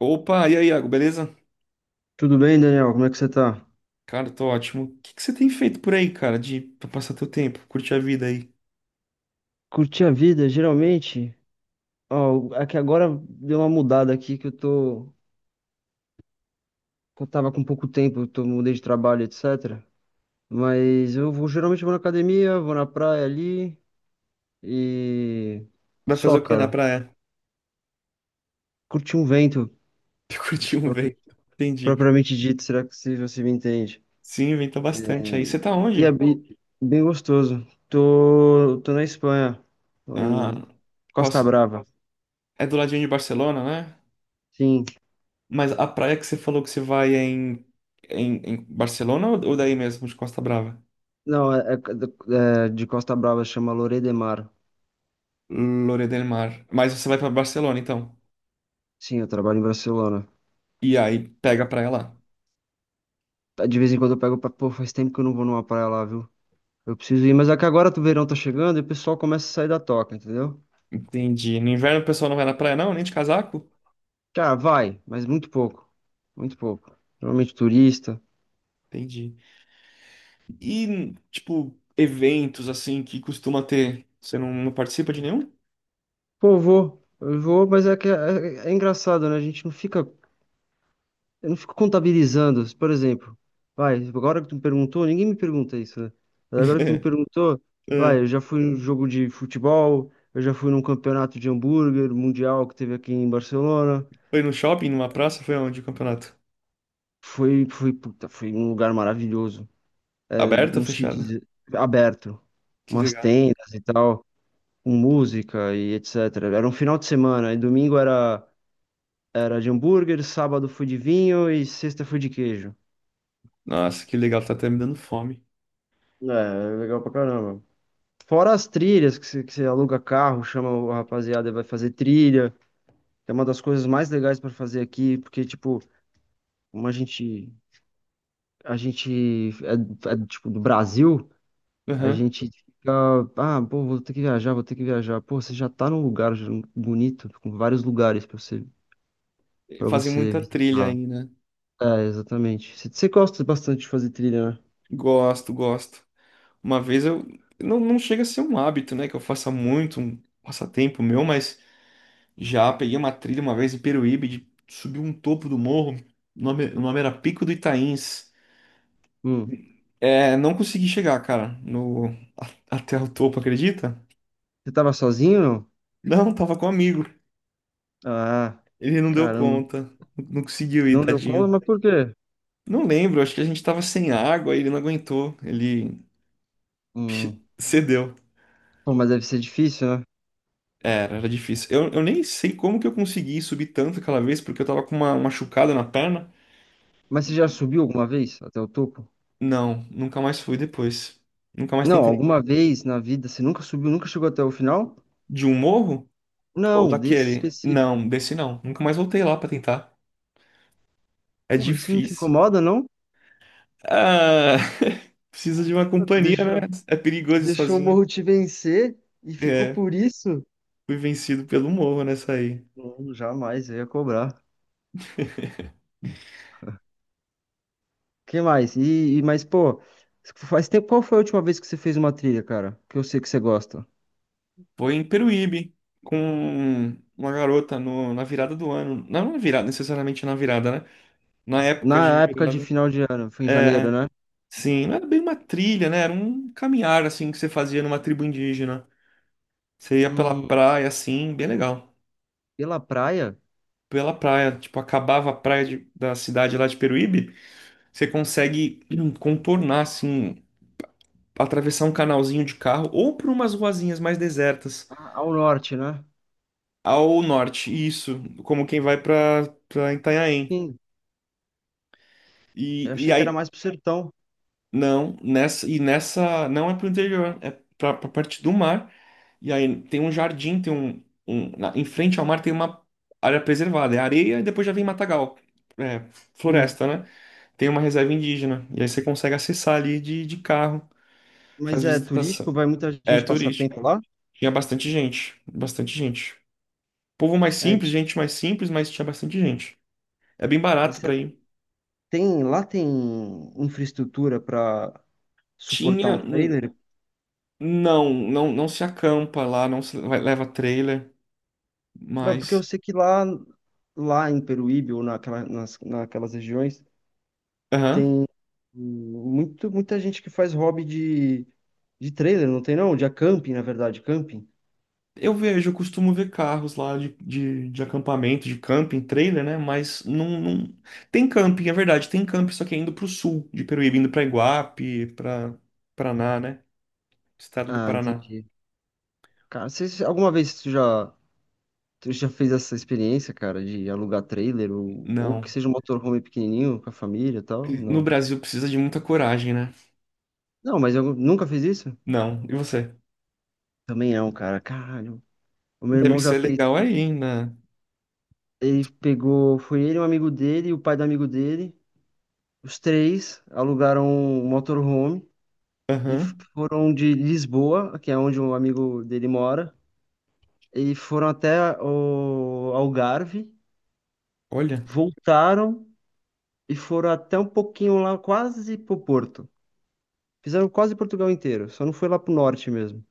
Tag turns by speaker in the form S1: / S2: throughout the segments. S1: Opa, e aí, Iago, beleza?
S2: Tudo bem, Daniel? Como é que você tá?
S1: Cara, tô ótimo. O que que você tem feito por aí, cara, de pra passar teu tempo, curtir a vida aí?
S2: Curti a vida, geralmente. Ó, aqui agora deu uma mudada aqui que eu tô. Que Eu tava com pouco tempo, eu tô, mudei de trabalho, etc. Mas eu vou, geralmente vou na academia, vou na praia ali e.
S1: Vai
S2: Só,
S1: fazer o quê na
S2: cara.
S1: praia?
S2: Curti um vento,
S1: Curtir
S2: se
S1: um vento. Entendi.
S2: propriamente dito, será que se você me entende?
S1: Sim, venta bastante aí. Você tá
S2: E é
S1: onde?
S2: bem, bem gostoso. Tô na Espanha, tô em
S1: Ah, qual
S2: Costa
S1: ci-
S2: Brava.
S1: é do ladinho de Barcelona, né?
S2: Sim.
S1: Mas a praia que você falou que você vai é em Barcelona ou daí mesmo, de Costa Brava?
S2: Não, é de Costa Brava, chama Lloret de Mar.
S1: Lloret del Mar. Mas você vai pra Barcelona, então.
S2: Sim, eu trabalho em Barcelona.
S1: E aí, pega a praia lá.
S2: Tá, de vez em quando eu pego pra. Pô, faz tempo que eu não vou numa praia lá, viu? Eu preciso ir, mas é que agora o verão tá chegando e o pessoal começa a sair da toca, entendeu?
S1: Entendi. No inverno o pessoal não vai na praia, não? Nem de casaco?
S2: Cara, vai, mas muito pouco. Muito pouco. Normalmente turista.
S1: Entendi. E, tipo, eventos assim que costuma ter. Você não participa de nenhum?
S2: Pô, eu vou. Eu vou, mas é que é engraçado, né? A gente não fica. Eu não fico contabilizando. Por exemplo, vai, agora que tu me perguntou, ninguém me pergunta isso, né? Mas agora que tu me perguntou, vai, eu
S1: É.
S2: já fui num jogo de futebol, eu já fui num campeonato de hambúrguer mundial que teve aqui em Barcelona.
S1: Foi no shopping, numa praça? Foi onde o campeonato?
S2: Foi, puta, foi um lugar maravilhoso. É,
S1: Aberto ou
S2: não sei
S1: fechado?
S2: dizer, aberto.
S1: Que
S2: Umas
S1: legal.
S2: tendas e tal, com música e etc. Era um final de semana, e domingo era de hambúrguer, sábado foi de vinho e sexta foi de queijo.
S1: Nossa, que legal, tá até me dando fome.
S2: É, legal pra caramba. Fora as trilhas, que você aluga carro, chama o rapaziada e vai fazer trilha, que é uma das coisas mais legais pra fazer aqui, porque, tipo, como a gente, a gente tipo, do Brasil. A
S1: Aham.
S2: gente fica, ah, pô, vou ter que viajar, vou ter que viajar. Pô, você já tá num lugar já bonito, com vários lugares pra você, para
S1: Fazem
S2: você
S1: muita trilha
S2: visitar.
S1: aí, né?
S2: É, exatamente. Você gosta bastante de fazer trilha, né?
S1: Gosto, gosto. Uma vez eu. Não, não chega a ser um hábito, né? Que eu faça muito, um passatempo meu, mas já peguei uma trilha uma vez em Peruíbe, de subir um topo do morro. O nome era Pico do Itains.
S2: Hum.
S1: É, não consegui chegar, cara, no a- até o topo, acredita?
S2: Você tava sozinho, não?
S1: Não, tava com um amigo.
S2: Ah,
S1: Ele não deu
S2: caramba.
S1: conta. Não não conseguiu ir,
S2: Não deu conta,
S1: tadinho.
S2: mas por quê?
S1: Não lembro, acho que a gente tava sem água e ele não aguentou. Ele
S2: Hum.
S1: cedeu.
S2: Pô, mas deve ser difícil, né?
S1: Era difícil. Eu nem sei como que eu consegui subir tanto aquela vez, porque eu tava com uma machucada na perna.
S2: Mas você já subiu alguma vez até o topo?
S1: Não, nunca mais fui depois. Nunca mais
S2: Não,
S1: tentei.
S2: alguma vez na vida você nunca subiu, nunca chegou até o final?
S1: De um morro? Ou
S2: Não, desse
S1: daquele?
S2: específico.
S1: Não, desse não. Nunca mais voltei lá pra tentar. É
S2: Porra, isso não te
S1: difícil.
S2: incomoda, não?
S1: Ah, precisa de uma companhia,
S2: Deixa.
S1: né? É perigoso ir
S2: Deixou o
S1: sozinho.
S2: Morro te vencer e ficou
S1: É,
S2: por isso?
S1: fui vencido pelo morro nessa aí.
S2: Não, jamais, eu ia cobrar. Que mais? Mas, pô, faz tempo, qual foi a última vez que você fez uma trilha, cara? Que eu sei que você gosta.
S1: Foi em Peruíbe, com uma garota na virada do ano. Não na virada, necessariamente na virada, né? Na época de
S2: Na época de
S1: virada.
S2: final de ano, foi em janeiro,
S1: É,
S2: né?
S1: sim, não era bem uma trilha, né? Era um caminhar, assim, que você fazia numa tribo indígena. Você ia pela
S2: Hum,
S1: praia, assim, bem legal.
S2: pela praia?
S1: Pela praia, tipo, acabava a praia de- da cidade lá de Peruíbe, você consegue contornar, assim, atravessar um canalzinho de carro ou por umas ruazinhas mais desertas
S2: Ah, ao norte, né?
S1: ao norte, isso, como quem vai para Itanhaém.
S2: Sim,
S1: E,
S2: eu
S1: e
S2: achei que era
S1: aí
S2: mais pro sertão.
S1: não, nessa não é pro interior, é pra parte do mar. E aí tem um jardim, tem um, um na- em frente ao mar tem uma área preservada, é areia e depois já vem matagal. É,
S2: Sim.
S1: floresta, né? Tem uma reserva indígena. E aí você consegue acessar ali de carro, faz
S2: Mas é turístico,
S1: visitação.
S2: vai muita
S1: É
S2: gente passar tempo
S1: turístico.
S2: lá?
S1: Tinha bastante gente, bastante gente. Povo mais
S2: É,
S1: simples, gente mais simples, mas tinha bastante gente. É bem barato
S2: mas
S1: pra ir.
S2: lá tem infraestrutura para suportar
S1: Tinha.
S2: um trailer?
S1: Não, não, não se acampa lá, não se vai- leva trailer,
S2: Mas porque eu
S1: mas.
S2: sei que lá em Peruíbe ou naquelas regiões
S1: Aham.
S2: tem muita gente que faz hobby de trailer, não tem não? De camping, na verdade, camping.
S1: Eu vejo, eu costumo ver carros lá de acampamento, de camping, trailer, né? Mas não, não. Tem camping, é verdade, tem camping, só que é indo pro sul de Peruíbe, indo pra Iguape, pra Paraná, né? Estado do
S2: Ah,
S1: Paraná.
S2: entendi. Cara, alguma vez tu já fez essa experiência, cara, de alugar trailer ou que
S1: Não.
S2: seja um motorhome pequenininho com a família e tal?
S1: No
S2: Não.
S1: Brasil precisa de muita coragem, né?
S2: Não, mas eu nunca fiz isso?
S1: Não. E você?
S2: Também não, cara. Caralho. O meu
S1: Deve
S2: irmão já
S1: ser
S2: fez
S1: legal
S2: isso.
S1: aí, né?
S2: Ele pegou, foi ele, um amigo dele, o pai do amigo dele. Os três alugaram um motorhome e
S1: Aham.
S2: foram de Lisboa, que é onde um amigo dele mora, e foram até o Algarve,
S1: Olha,
S2: voltaram e foram até um pouquinho lá, quase pro Porto. Fizeram quase Portugal inteiro, só não foi lá pro norte mesmo.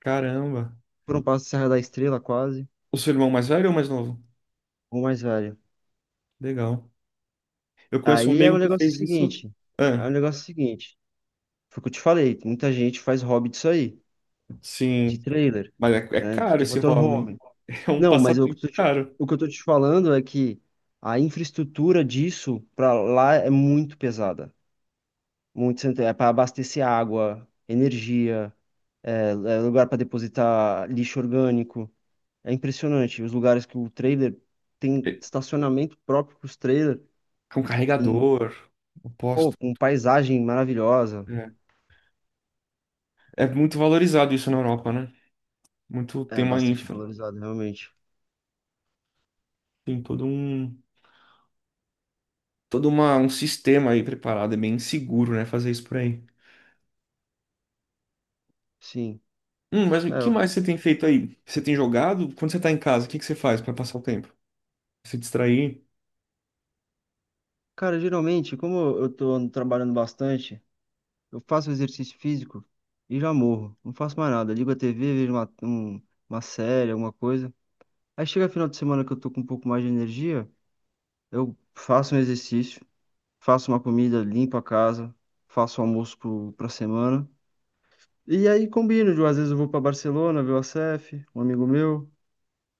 S1: caramba.
S2: Foram para Serra da Estrela, quase,
S1: O seu irmão mais velho ou mais novo?
S2: ou mais velho.
S1: Legal. Eu conheço um
S2: Aí é o
S1: amigo que
S2: negócio
S1: fez isso.
S2: seguinte, é
S1: Ah,
S2: o negócio seguinte, foi o que eu te falei, muita gente faz hobby disso aí, de
S1: sim.
S2: trailer,
S1: Mas é, é
S2: né,
S1: caro
S2: de
S1: esse hobby, hein?
S2: motorhome.
S1: É um
S2: Não, mas
S1: passatempo caro.
S2: o que eu tô te falando é que a infraestrutura disso para lá é muito pesada. Muito, é para abastecer água, energia, é lugar para depositar lixo orgânico. É impressionante. Os lugares que o trailer
S1: É,
S2: tem estacionamento próprio para os trailers,
S1: com
S2: em,
S1: carregador,
S2: pô,
S1: oposto.
S2: com paisagem maravilhosa.
S1: É, é muito valorizado isso na Europa, né? Muito tem
S2: É
S1: uma
S2: bastante
S1: infra.
S2: valorizado, realmente.
S1: Tem todo um um sistema aí preparado. É bem seguro, né? Fazer isso por aí.
S2: Sim.
S1: Mas
S2: É,
S1: o que mais você tem feito aí? Você tem jogado? Quando você tá em casa, o que que você faz para passar o tempo? Se distrair?
S2: cara, geralmente, como eu tô trabalhando bastante, eu faço exercício físico e já morro. Não faço mais nada. Ligo a TV, vejo uma série, alguma coisa. Aí chega final de semana que eu tô com um pouco mais de energia, eu faço um exercício, faço uma comida, limpo a casa, faço almoço pra semana. E aí combino, às vezes eu vou pra Barcelona ver o ACF, um amigo meu,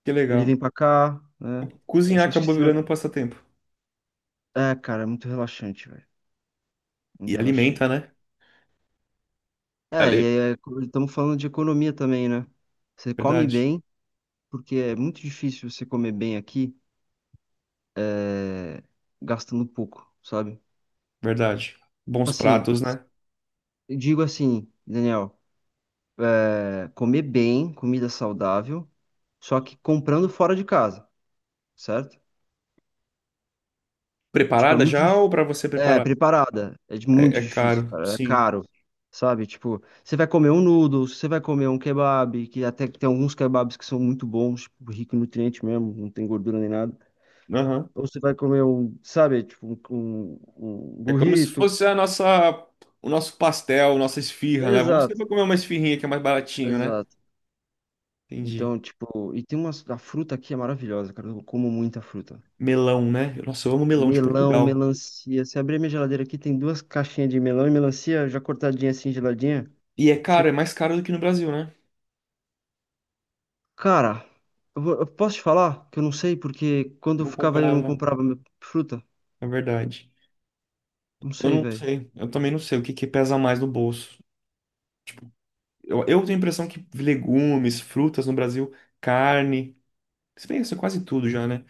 S1: Que
S2: ele
S1: legal.
S2: vem pra cá, né?
S1: Cozinhar
S2: Essa, acho que
S1: acabou
S2: se...
S1: virando um passatempo.
S2: É, cara, é muito relaxante, velho. Muito
S1: E alimenta,
S2: relaxante.
S1: né?
S2: É, e
S1: Ali,
S2: aí, estamos falando de economia também, né? Você come
S1: verdade,
S2: bem. Porque é muito difícil você comer bem aqui é, gastando pouco, sabe?
S1: verdade. Bons
S2: Assim,
S1: pratos, né?
S2: eu digo assim, Daniel, comer bem, comida saudável, só que comprando fora de casa, certo? Tipo, é
S1: Preparada
S2: muito
S1: já ou
S2: difícil.
S1: pra você
S2: É,
S1: preparar?
S2: preparada. É de-
S1: É,
S2: muito
S1: é
S2: difícil,
S1: caro,
S2: cara. É
S1: sim.
S2: caro. Sabe? Tipo, você vai comer um noodles, você vai comer um kebab, que até que tem alguns kebabs que são muito bons, tipo, rico em nutriente mesmo, não tem gordura nem nada.
S1: Aham.
S2: Ou você vai comer um, sabe, tipo, um
S1: É como se
S2: burrito.
S1: fosse a nossa, o nosso pastel, nossa esfirra, né? Vamos
S2: Exato.
S1: sempre comer uma esfirrinha que é mais baratinho, né?
S2: Exato.
S1: Entendi.
S2: Então, tipo, e tem umas. A fruta aqui é maravilhosa, cara. Eu como muita fruta.
S1: Melão, né? Nossa, eu amo melão de
S2: Melão,
S1: Portugal.
S2: melancia. Se abrir minha geladeira aqui, tem duas caixinhas de melão e melancia já cortadinha assim, geladinha.
S1: E é caro,
S2: Você...
S1: é mais caro do que no Brasil, né?
S2: Cara, eu posso te falar que eu não sei porque quando eu
S1: Não
S2: ficava aí eu não
S1: comprava,
S2: comprava fruta?
S1: é verdade.
S2: Não
S1: Eu
S2: sei,
S1: não
S2: velho.
S1: sei, eu também não sei o que que pesa mais no bolso. Eu tenho a impressão que legumes, frutas no Brasil, carne, se bem que isso é quase tudo já, né?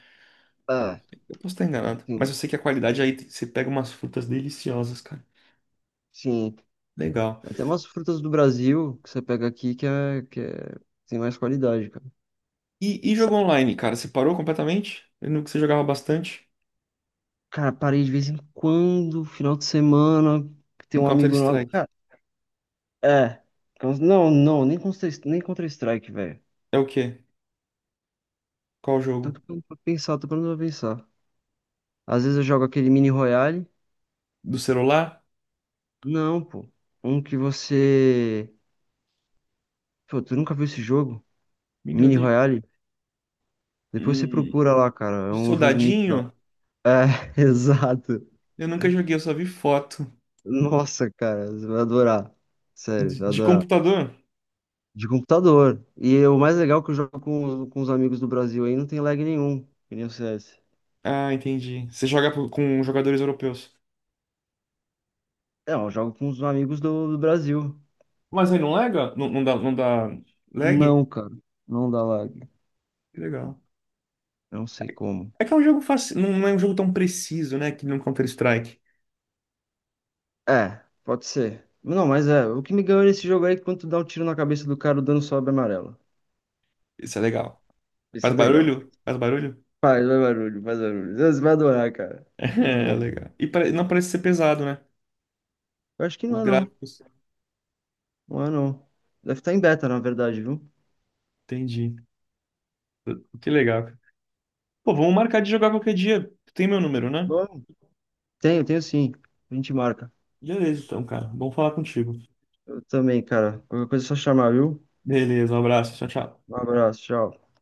S2: Ah,
S1: Eu posso estar enganado, mas eu
S2: sim,
S1: sei que a qualidade você pega umas frutas deliciosas, cara.
S2: sim.
S1: Legal.
S2: Tem umas frutas do Brasil que você pega aqui tem mais qualidade, cara.
S1: E jogo
S2: Sabe,
S1: online, cara, você parou completamente? Eu lembro que você jogava bastante.
S2: cara, parei de vez em quando, final de semana, que tem
S1: Um
S2: um amigo nosso.
S1: Counter-Strike.
S2: É. Não, não, nem Counter, nem Counter-Strike, velho.
S1: É o quê? Qual jogo?
S2: Tanto pra pensar, tô parando pra pensar. Às vezes eu jogo aquele Mini Royale.
S1: Do celular?
S2: Não, pô. Um que você. Pô, tu nunca viu esse jogo?
S1: Menino
S2: Mini Royale? Depois você
S1: Hum,
S2: procura lá, cara. É
S1: de
S2: um jogo muito da hora.
S1: soldadinho?
S2: É, exato.
S1: Eu nunca joguei, eu só vi foto.
S2: Nossa, cara, você vai adorar. Sério,
S1: De,
S2: vai
S1: de
S2: adorar.
S1: computador?
S2: De computador. E é o mais legal é que eu jogo com os amigos do Brasil aí, não tem lag nenhum, que nem o CS.
S1: Ah, entendi. Você com jogadores europeus.
S2: Não, eu jogo com os amigos do Brasil.
S1: Mas aí não lega? Não, não dá lag?
S2: Não, cara. Não dá lag.
S1: Que legal.
S2: Não sei como.
S1: É que é um jogo fácil, não é um jogo tão preciso, né? Que nem um Counter-Strike.
S2: É, pode ser. Não, mas é. O que me ganhou nesse jogo aí é que quando tu dá um tiro na cabeça do cara, o dano sobe amarelo.
S1: Isso é legal.
S2: Isso
S1: Faz
S2: é legal.
S1: barulho? Faz barulho?
S2: Faz barulho, faz barulho. Você vai adorar, cara. Muito
S1: É,
S2: bom.
S1: legal. E não parece ser pesado, né?
S2: Eu acho que
S1: Os
S2: não é não.
S1: gráficos.
S2: Não é não. Deve estar em beta, na verdade, viu?
S1: Entendi. Que legal, cara. Pô, vamos marcar de jogar qualquer dia. Tu tem meu número, né?
S2: Bom. Tenho, tenho sim. A gente marca.
S1: Beleza, então, cara. Bom falar contigo.
S2: Eu também, cara. Qualquer coisa é só chamar, viu?
S1: Beleza, um abraço. Tchau, tchau.
S2: Um abraço, tchau.